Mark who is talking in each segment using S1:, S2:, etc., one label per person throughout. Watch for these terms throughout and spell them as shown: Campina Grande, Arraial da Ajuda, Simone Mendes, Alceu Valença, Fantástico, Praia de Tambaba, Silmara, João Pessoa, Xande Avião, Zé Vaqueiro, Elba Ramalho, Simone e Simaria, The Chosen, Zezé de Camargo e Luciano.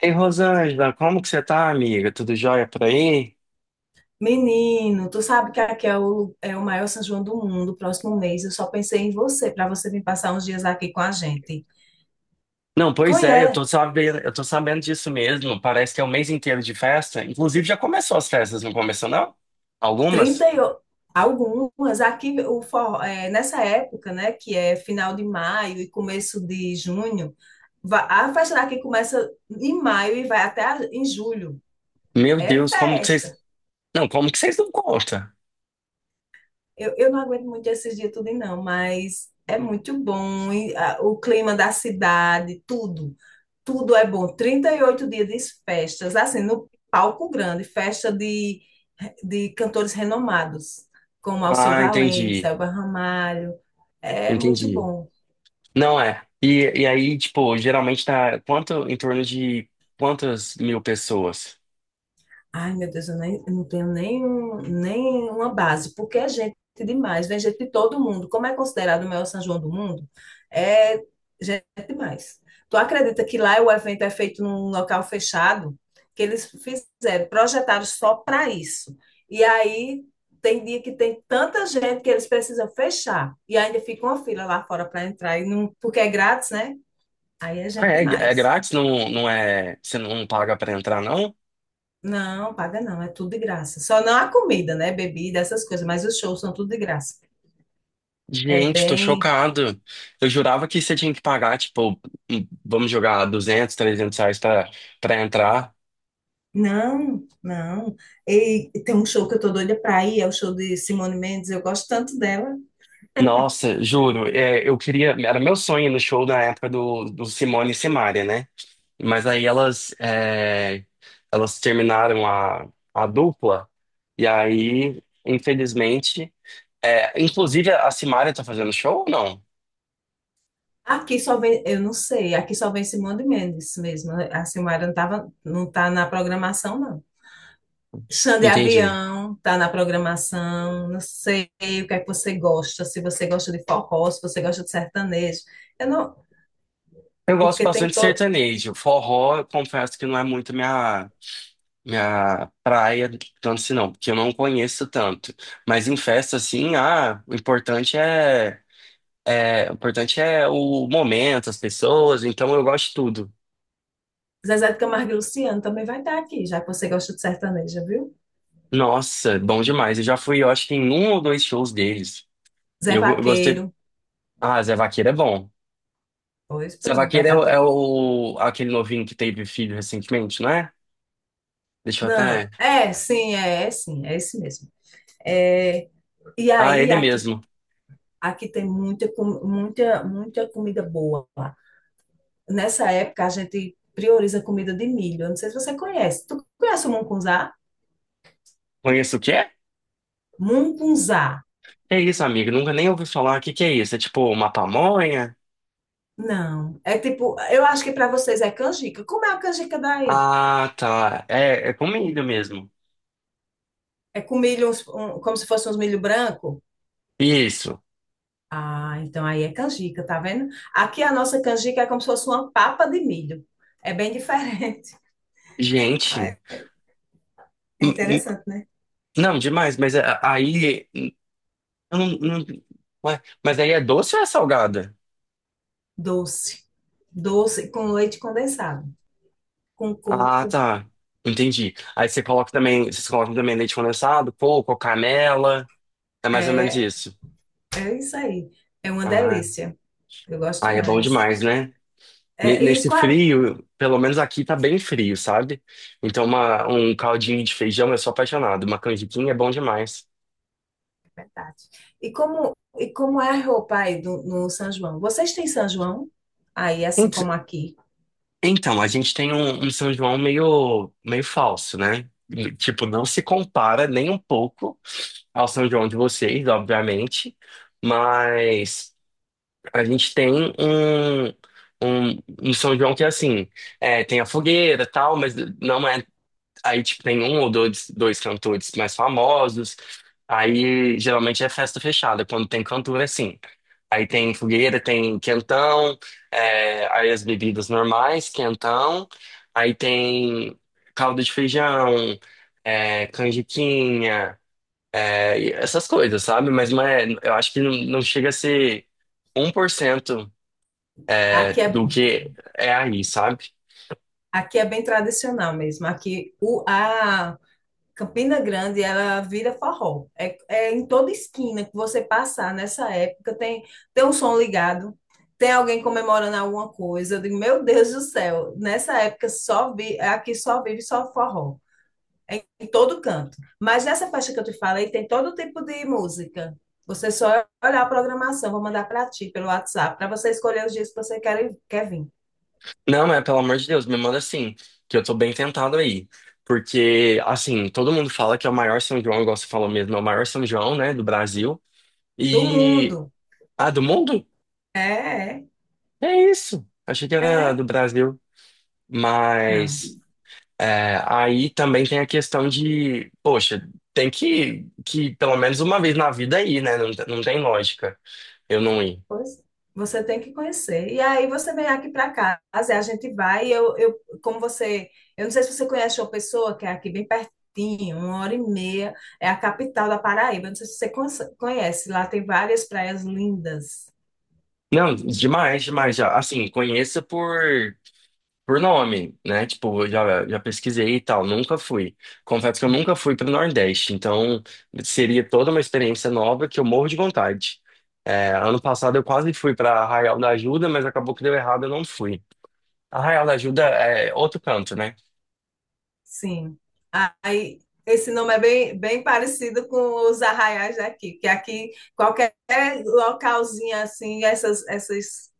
S1: Ei, Rosângela, como que você tá, amiga? Tudo jóia por aí?
S2: Menino, tu sabe que aqui é o maior São João do mundo, próximo mês. Eu só pensei em você, para você vir passar uns dias aqui com a gente.
S1: Não, pois é,
S2: Conhece,
S1: eu tô sabendo disso mesmo. Parece que é o mês inteiro de festa. Inclusive, já começou as festas, não começou, não? Algumas?
S2: 30 e o- algumas. Aqui, o forró, é, nessa época, né, que é final de maio e começo de junho, a festa daqui começa em maio e vai até em julho.
S1: Meu
S2: É
S1: Deus, como que
S2: festa.
S1: vocês... Não, como que vocês não contam?
S2: Eu não aguento muito esses dias tudo, não, mas é muito bom. E, ah, o clima da cidade, tudo é bom. 38 dias de festas, assim, no palco grande, festa de cantores renomados, como Alceu
S1: Ah,
S2: Valença,
S1: entendi.
S2: Elba Ramalho. É muito
S1: Entendi.
S2: bom.
S1: Não é. E aí, tipo, geralmente tá quanto, em torno de quantas mil pessoas?
S2: Ai, meu Deus, eu não tenho nenhuma base, porque é gente demais, vem gente de todo mundo. Como é considerado o maior São João do mundo, é gente demais. Tu acredita que lá o evento é feito num local fechado? Que eles fizeram, projetaram só para isso. E aí tem dia que tem tanta gente que eles precisam fechar. E ainda fica uma fila lá fora para entrar, e não, porque é grátis, né? Aí é
S1: Ah,
S2: gente
S1: é, é
S2: demais.
S1: grátis? Não, não é... Você não paga pra entrar, não?
S2: Não, paga não, é tudo de graça. Só não a comida, né? Bebida, essas coisas, mas os shows são tudo de graça. É
S1: Gente, tô
S2: bem.
S1: chocado. Eu jurava que você tinha que pagar, tipo, vamos jogar 200, 300 reais pra entrar.
S2: Não, não. E tem um show que eu tô doida pra ir, é o show de Simone Mendes, eu gosto tanto dela.
S1: Nossa, juro, é, eu queria. Era meu sonho ir no show na época do Simone e Simaria, né? Mas aí elas, é, elas terminaram a dupla, e aí, infelizmente. É, inclusive, a Simaria tá fazendo show ou não?
S2: Aqui só vem, eu não sei, aqui só vem Simone Mendes mesmo. A Silmara não tava, não tá na programação, não. Xande
S1: Entendi.
S2: Avião tá na programação, não sei o que é que você gosta, se você gosta de forró, se você gosta de sertanejo. Eu não,
S1: Eu gosto
S2: porque
S1: bastante
S2: tem
S1: de
S2: todo.
S1: sertanejo. Forró, eu confesso que não é muito minha. Minha praia, tanto se não, porque eu não conheço tanto. Mas em festa, assim, ah, o importante é o momento, as pessoas, então eu gosto de tudo.
S2: Zezé de Camargo e Luciano também vai estar aqui, já que você gosta de sertaneja, viu?
S1: Nossa, bom demais. Eu já fui, eu acho que em um ou dois shows deles.
S2: Zé
S1: Eu gostei.
S2: Vaqueiro.
S1: Ah, Zé Vaqueiro é bom.
S2: Pois
S1: Zé
S2: pronto, vai
S1: Vaqueiro é,
S2: estar
S1: é
S2: todo.
S1: o- aquele novinho que teve filho recentemente, não é? Deixa eu
S2: Não,
S1: até.
S2: é, sim, é sim, é esse mesmo. É, e
S1: Ah,
S2: aí,
S1: ele
S2: aqui,
S1: mesmo.
S2: aqui tem muita, muita, muita comida boa. Lá. Nessa época, a gente prioriza comida de milho. Eu não sei se você conhece. Tu conhece o mungunzá?
S1: Conheço o quê?
S2: Mungunzá.
S1: É isso, amigo. Nunca nem ouvi falar. O que que é isso? É tipo uma pamonha?
S2: Não. É tipo, eu acho que para vocês é canjica. Como é a canjica daí?
S1: Ah, tá. É, é comida mesmo.
S2: É com milho, como se fosse uns milho branco?
S1: Isso.
S2: Ah, então aí é canjica, tá vendo? Aqui a nossa canjica é como se fosse uma papa de milho. É bem diferente. Ah,
S1: Gente.
S2: é
S1: n- n-
S2: interessante, né?
S1: Não, demais, mas a- aí. Eu Não, não, ué, mas aí é doce ou é salgada?
S2: Doce. Doce com leite condensado. Com
S1: Ah,
S2: coco.
S1: tá. Entendi. Aí você coloca também. Vocês colocam também leite condensado, coco, canela. É mais ou menos
S2: É,
S1: isso.
S2: é isso aí. É uma
S1: Ah,
S2: delícia. Eu gosto
S1: aí é bom
S2: demais.
S1: demais, né?
S2: É, e,
S1: Nesse
S2: qual a-
S1: frio, pelo menos aqui tá bem frio, sabe? Então, um caldinho de feijão, eu sou apaixonado. Uma canjiquinha é bom demais.
S2: verdade. E como é a roupa aí do, no São João? Vocês têm São João? Aí, assim como aqui.
S1: Então, a gente tem um São João meio, meio falso, né? E, tipo, não se compara nem um pouco ao São João de vocês, obviamente, mas a gente tem um, um São João que, assim, é, tem a fogueira e tal, mas não é. Aí, tipo, tem um ou dois cantores mais famosos. Aí, geralmente é festa fechada, quando tem cantor, é assim. Aí tem fogueira, tem quentão, é, aí as bebidas normais, quentão. Aí tem caldo de feijão, é, canjiquinha, é, e essas coisas, sabe? Mas não é, eu acho que não, não chega a ser 1%, é,
S2: Aqui é,
S1: do que é aí, sabe?
S2: aqui é bem tradicional mesmo. Aqui o, a, Campina Grande, ela vira forró. É, é em toda esquina que você passar nessa época, tem, tem um som ligado, tem alguém comemorando alguma coisa. Eu digo, meu Deus do céu, nessa época só vi, aqui só vive só forró. É em todo canto. Mas nessa festa que eu te falei, tem todo tipo de música. Você só olhar a programação, vou mandar para ti pelo WhatsApp, para você escolher os dias que você quer vir.
S1: Não, mas pelo amor de Deus, me manda sim que eu tô bem tentado aí. Porque, assim, todo mundo fala que é o maior São João, igual você falou mesmo, é o maior São João, né, do Brasil.
S2: Do
S1: E.
S2: mundo.
S1: Ah, do mundo?
S2: É, é,
S1: É isso. Achei que era
S2: é.
S1: do Brasil.
S2: Não.
S1: Mas. É, aí também tem a questão de, poxa, tem que pelo menos uma vez na vida ir, né? Não, não tem lógica eu não ir.
S2: Pois, você tem que conhecer. E aí você vem aqui para casa, e a gente vai. E como você, eu não sei se você conhece uma pessoa que é aqui bem pertinho, uma hora e meia, é a capital da Paraíba. Não sei se você conhece. Conhece, Lá tem várias praias lindas.
S1: Não, demais, demais. Já. Assim, conheça por. Por nome, né? Tipo, já pesquisei e tal, nunca fui. Confesso que eu nunca fui pro Nordeste, então seria toda uma experiência nova que eu morro de vontade. É, ano passado eu quase fui pra Arraial da Ajuda, mas acabou que deu errado, eu não fui. Arraial da Ajuda é outro canto, né?
S2: Sim. Aí esse nome é bem, bem parecido com os arraiais daqui, que aqui qualquer localzinho assim,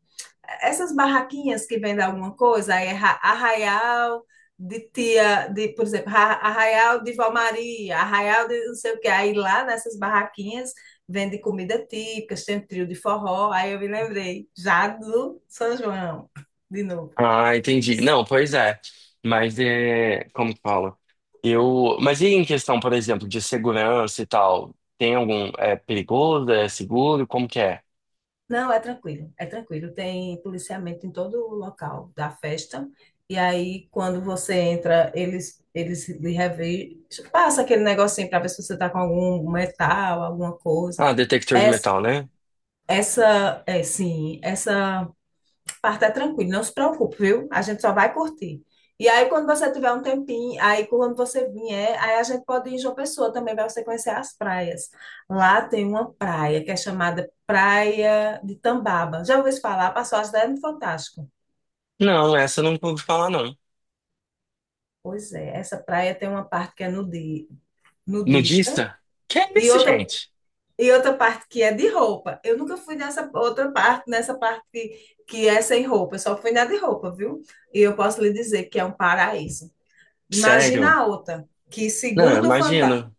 S2: essas barraquinhas que vendem alguma coisa, aí é arraial de tia, de, por exemplo, arraial de Vó Maria, arraial de não sei o quê. Aí lá nessas barraquinhas vende comida típica, tem um trio de forró. Aí eu me lembrei, já do São João, de novo.
S1: Ah, entendi. Não, pois é. Mas é, como que fala? Eu, mas e em questão, por exemplo, de segurança e tal? Tem algum, é perigoso, é seguro, como que é?
S2: Não, é tranquilo, é tranquilo. Tem policiamento em todo o local da festa. E aí, quando você entra, eles lhe revistam. Passa aquele negocinho para ver se você está com algum metal, alguma coisa.
S1: Ah, detector de
S2: É
S1: metal, né?
S2: Essa, é, sim, essa parte é tranquila, não se preocupe, viu? A gente só vai curtir. E aí, quando você tiver um tempinho, aí quando você vier, aí a gente pode ir em João Pessoa também, para você conhecer as praias. Lá tem uma praia que é chamada Praia de Tambaba. Já ouviu falar? Passou as ideias no Fantástico.
S1: Não, essa eu não pude falar, não.
S2: Pois é, essa praia tem uma parte que é nudista
S1: Nudista? Que é
S2: e
S1: isso,
S2: outra
S1: gente?
S2: e outra parte que é de roupa. Eu nunca fui nessa outra parte, nessa parte que é sem roupa. Eu só fui na de roupa, viu? E eu posso lhe dizer que é um paraíso. Imagina
S1: Sério?
S2: a outra, que
S1: Não,
S2: segundo o Fanta...
S1: imagina.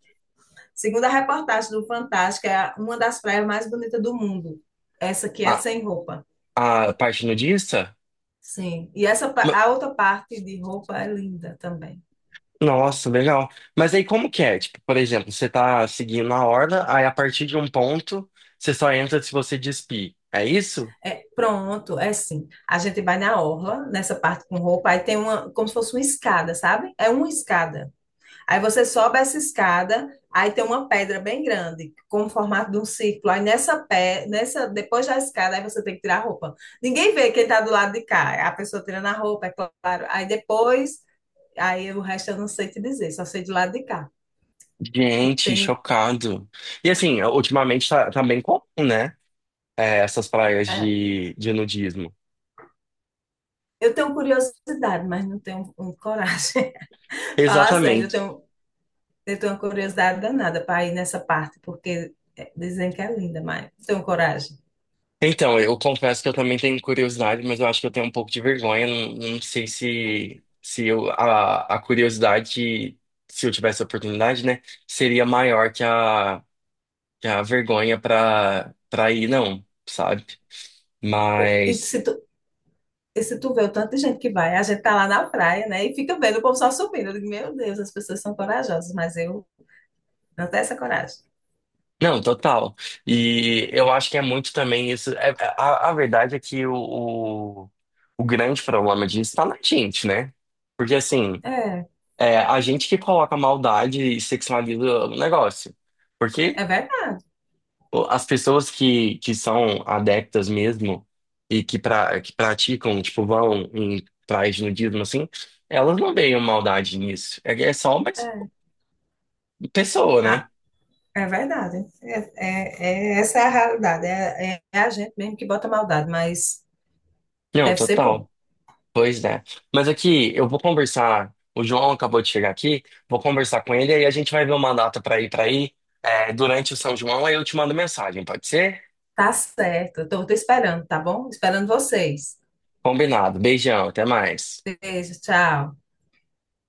S2: segundo a reportagem do Fantástico, é uma das praias mais bonitas do mundo. Essa que
S1: A,
S2: é sem roupa.
S1: a parte nudista?
S2: Sim. E essa
S1: Ma-
S2: a outra parte de roupa é linda também.
S1: Nossa, legal. Mas aí como que é? Tipo, por exemplo, você tá seguindo a horda, aí a partir de um ponto, você só entra se você despir. É isso?
S2: É, pronto, é sim. A gente vai na orla, nessa parte com roupa, aí tem uma, como se fosse uma escada, sabe? É uma escada. Aí você sobe essa escada, aí tem uma pedra bem grande, com o formato de um círculo. Aí nessa, depois da escada, aí você tem que tirar a roupa. Ninguém vê quem está do lado de cá. A pessoa tirando a roupa, é claro. Aí depois, aí o resto eu não sei te dizer, só sei do lado de cá, que
S1: Gente,
S2: tem.
S1: chocado. E assim, tá bem comum, né? É, essas praias
S2: É,
S1: de nudismo.
S2: eu tenho curiosidade, mas não tenho coragem. Falar sério,
S1: Exatamente.
S2: eu tenho uma curiosidade danada para ir nessa parte, porque é, dizem que é linda, mas não tenho coragem.
S1: Então, eu confesso que eu também tenho curiosidade, mas eu acho que eu tenho um pouco de vergonha. Não, não sei se, se eu, a curiosidade, se eu tivesse a oportunidade, né, seria maior que que a vergonha para ir, não, sabe?
S2: E
S1: Mas,
S2: se E se tu vê o tanto de gente que vai, a gente tá lá na praia, né? E fica vendo o povo só subindo. Eu digo, meu Deus, as pessoas são corajosas, mas eu não tenho essa coragem.
S1: não, total. E eu acho que é muito também isso. É, a verdade é que o, o grande problema disso está na gente, né? Porque assim.
S2: É,
S1: É a gente que coloca maldade e sexualiza o negócio. Porque
S2: é verdade.
S1: as pessoas que são adeptas mesmo e que, pra, que praticam, tipo, vão em praias de nudismo, assim, elas não veem maldade nisso. É, é só uma
S2: É,
S1: pessoa,
S2: Ah,
S1: né?
S2: é verdade. É, essa é a realidade. É, é a gente mesmo que bota maldade, mas
S1: Não,
S2: deve ser bom.
S1: total. Pois é. Mas aqui, eu vou conversar. O João acabou de chegar aqui, vou conversar com ele e aí a gente vai ver uma data pra ir pra aí é, durante o São João, aí eu te mando mensagem, pode ser?
S2: Tá certo. Eu tô te esperando, tá bom? Esperando vocês.
S1: Combinado. Beijão, até mais.
S2: Beijo, tchau.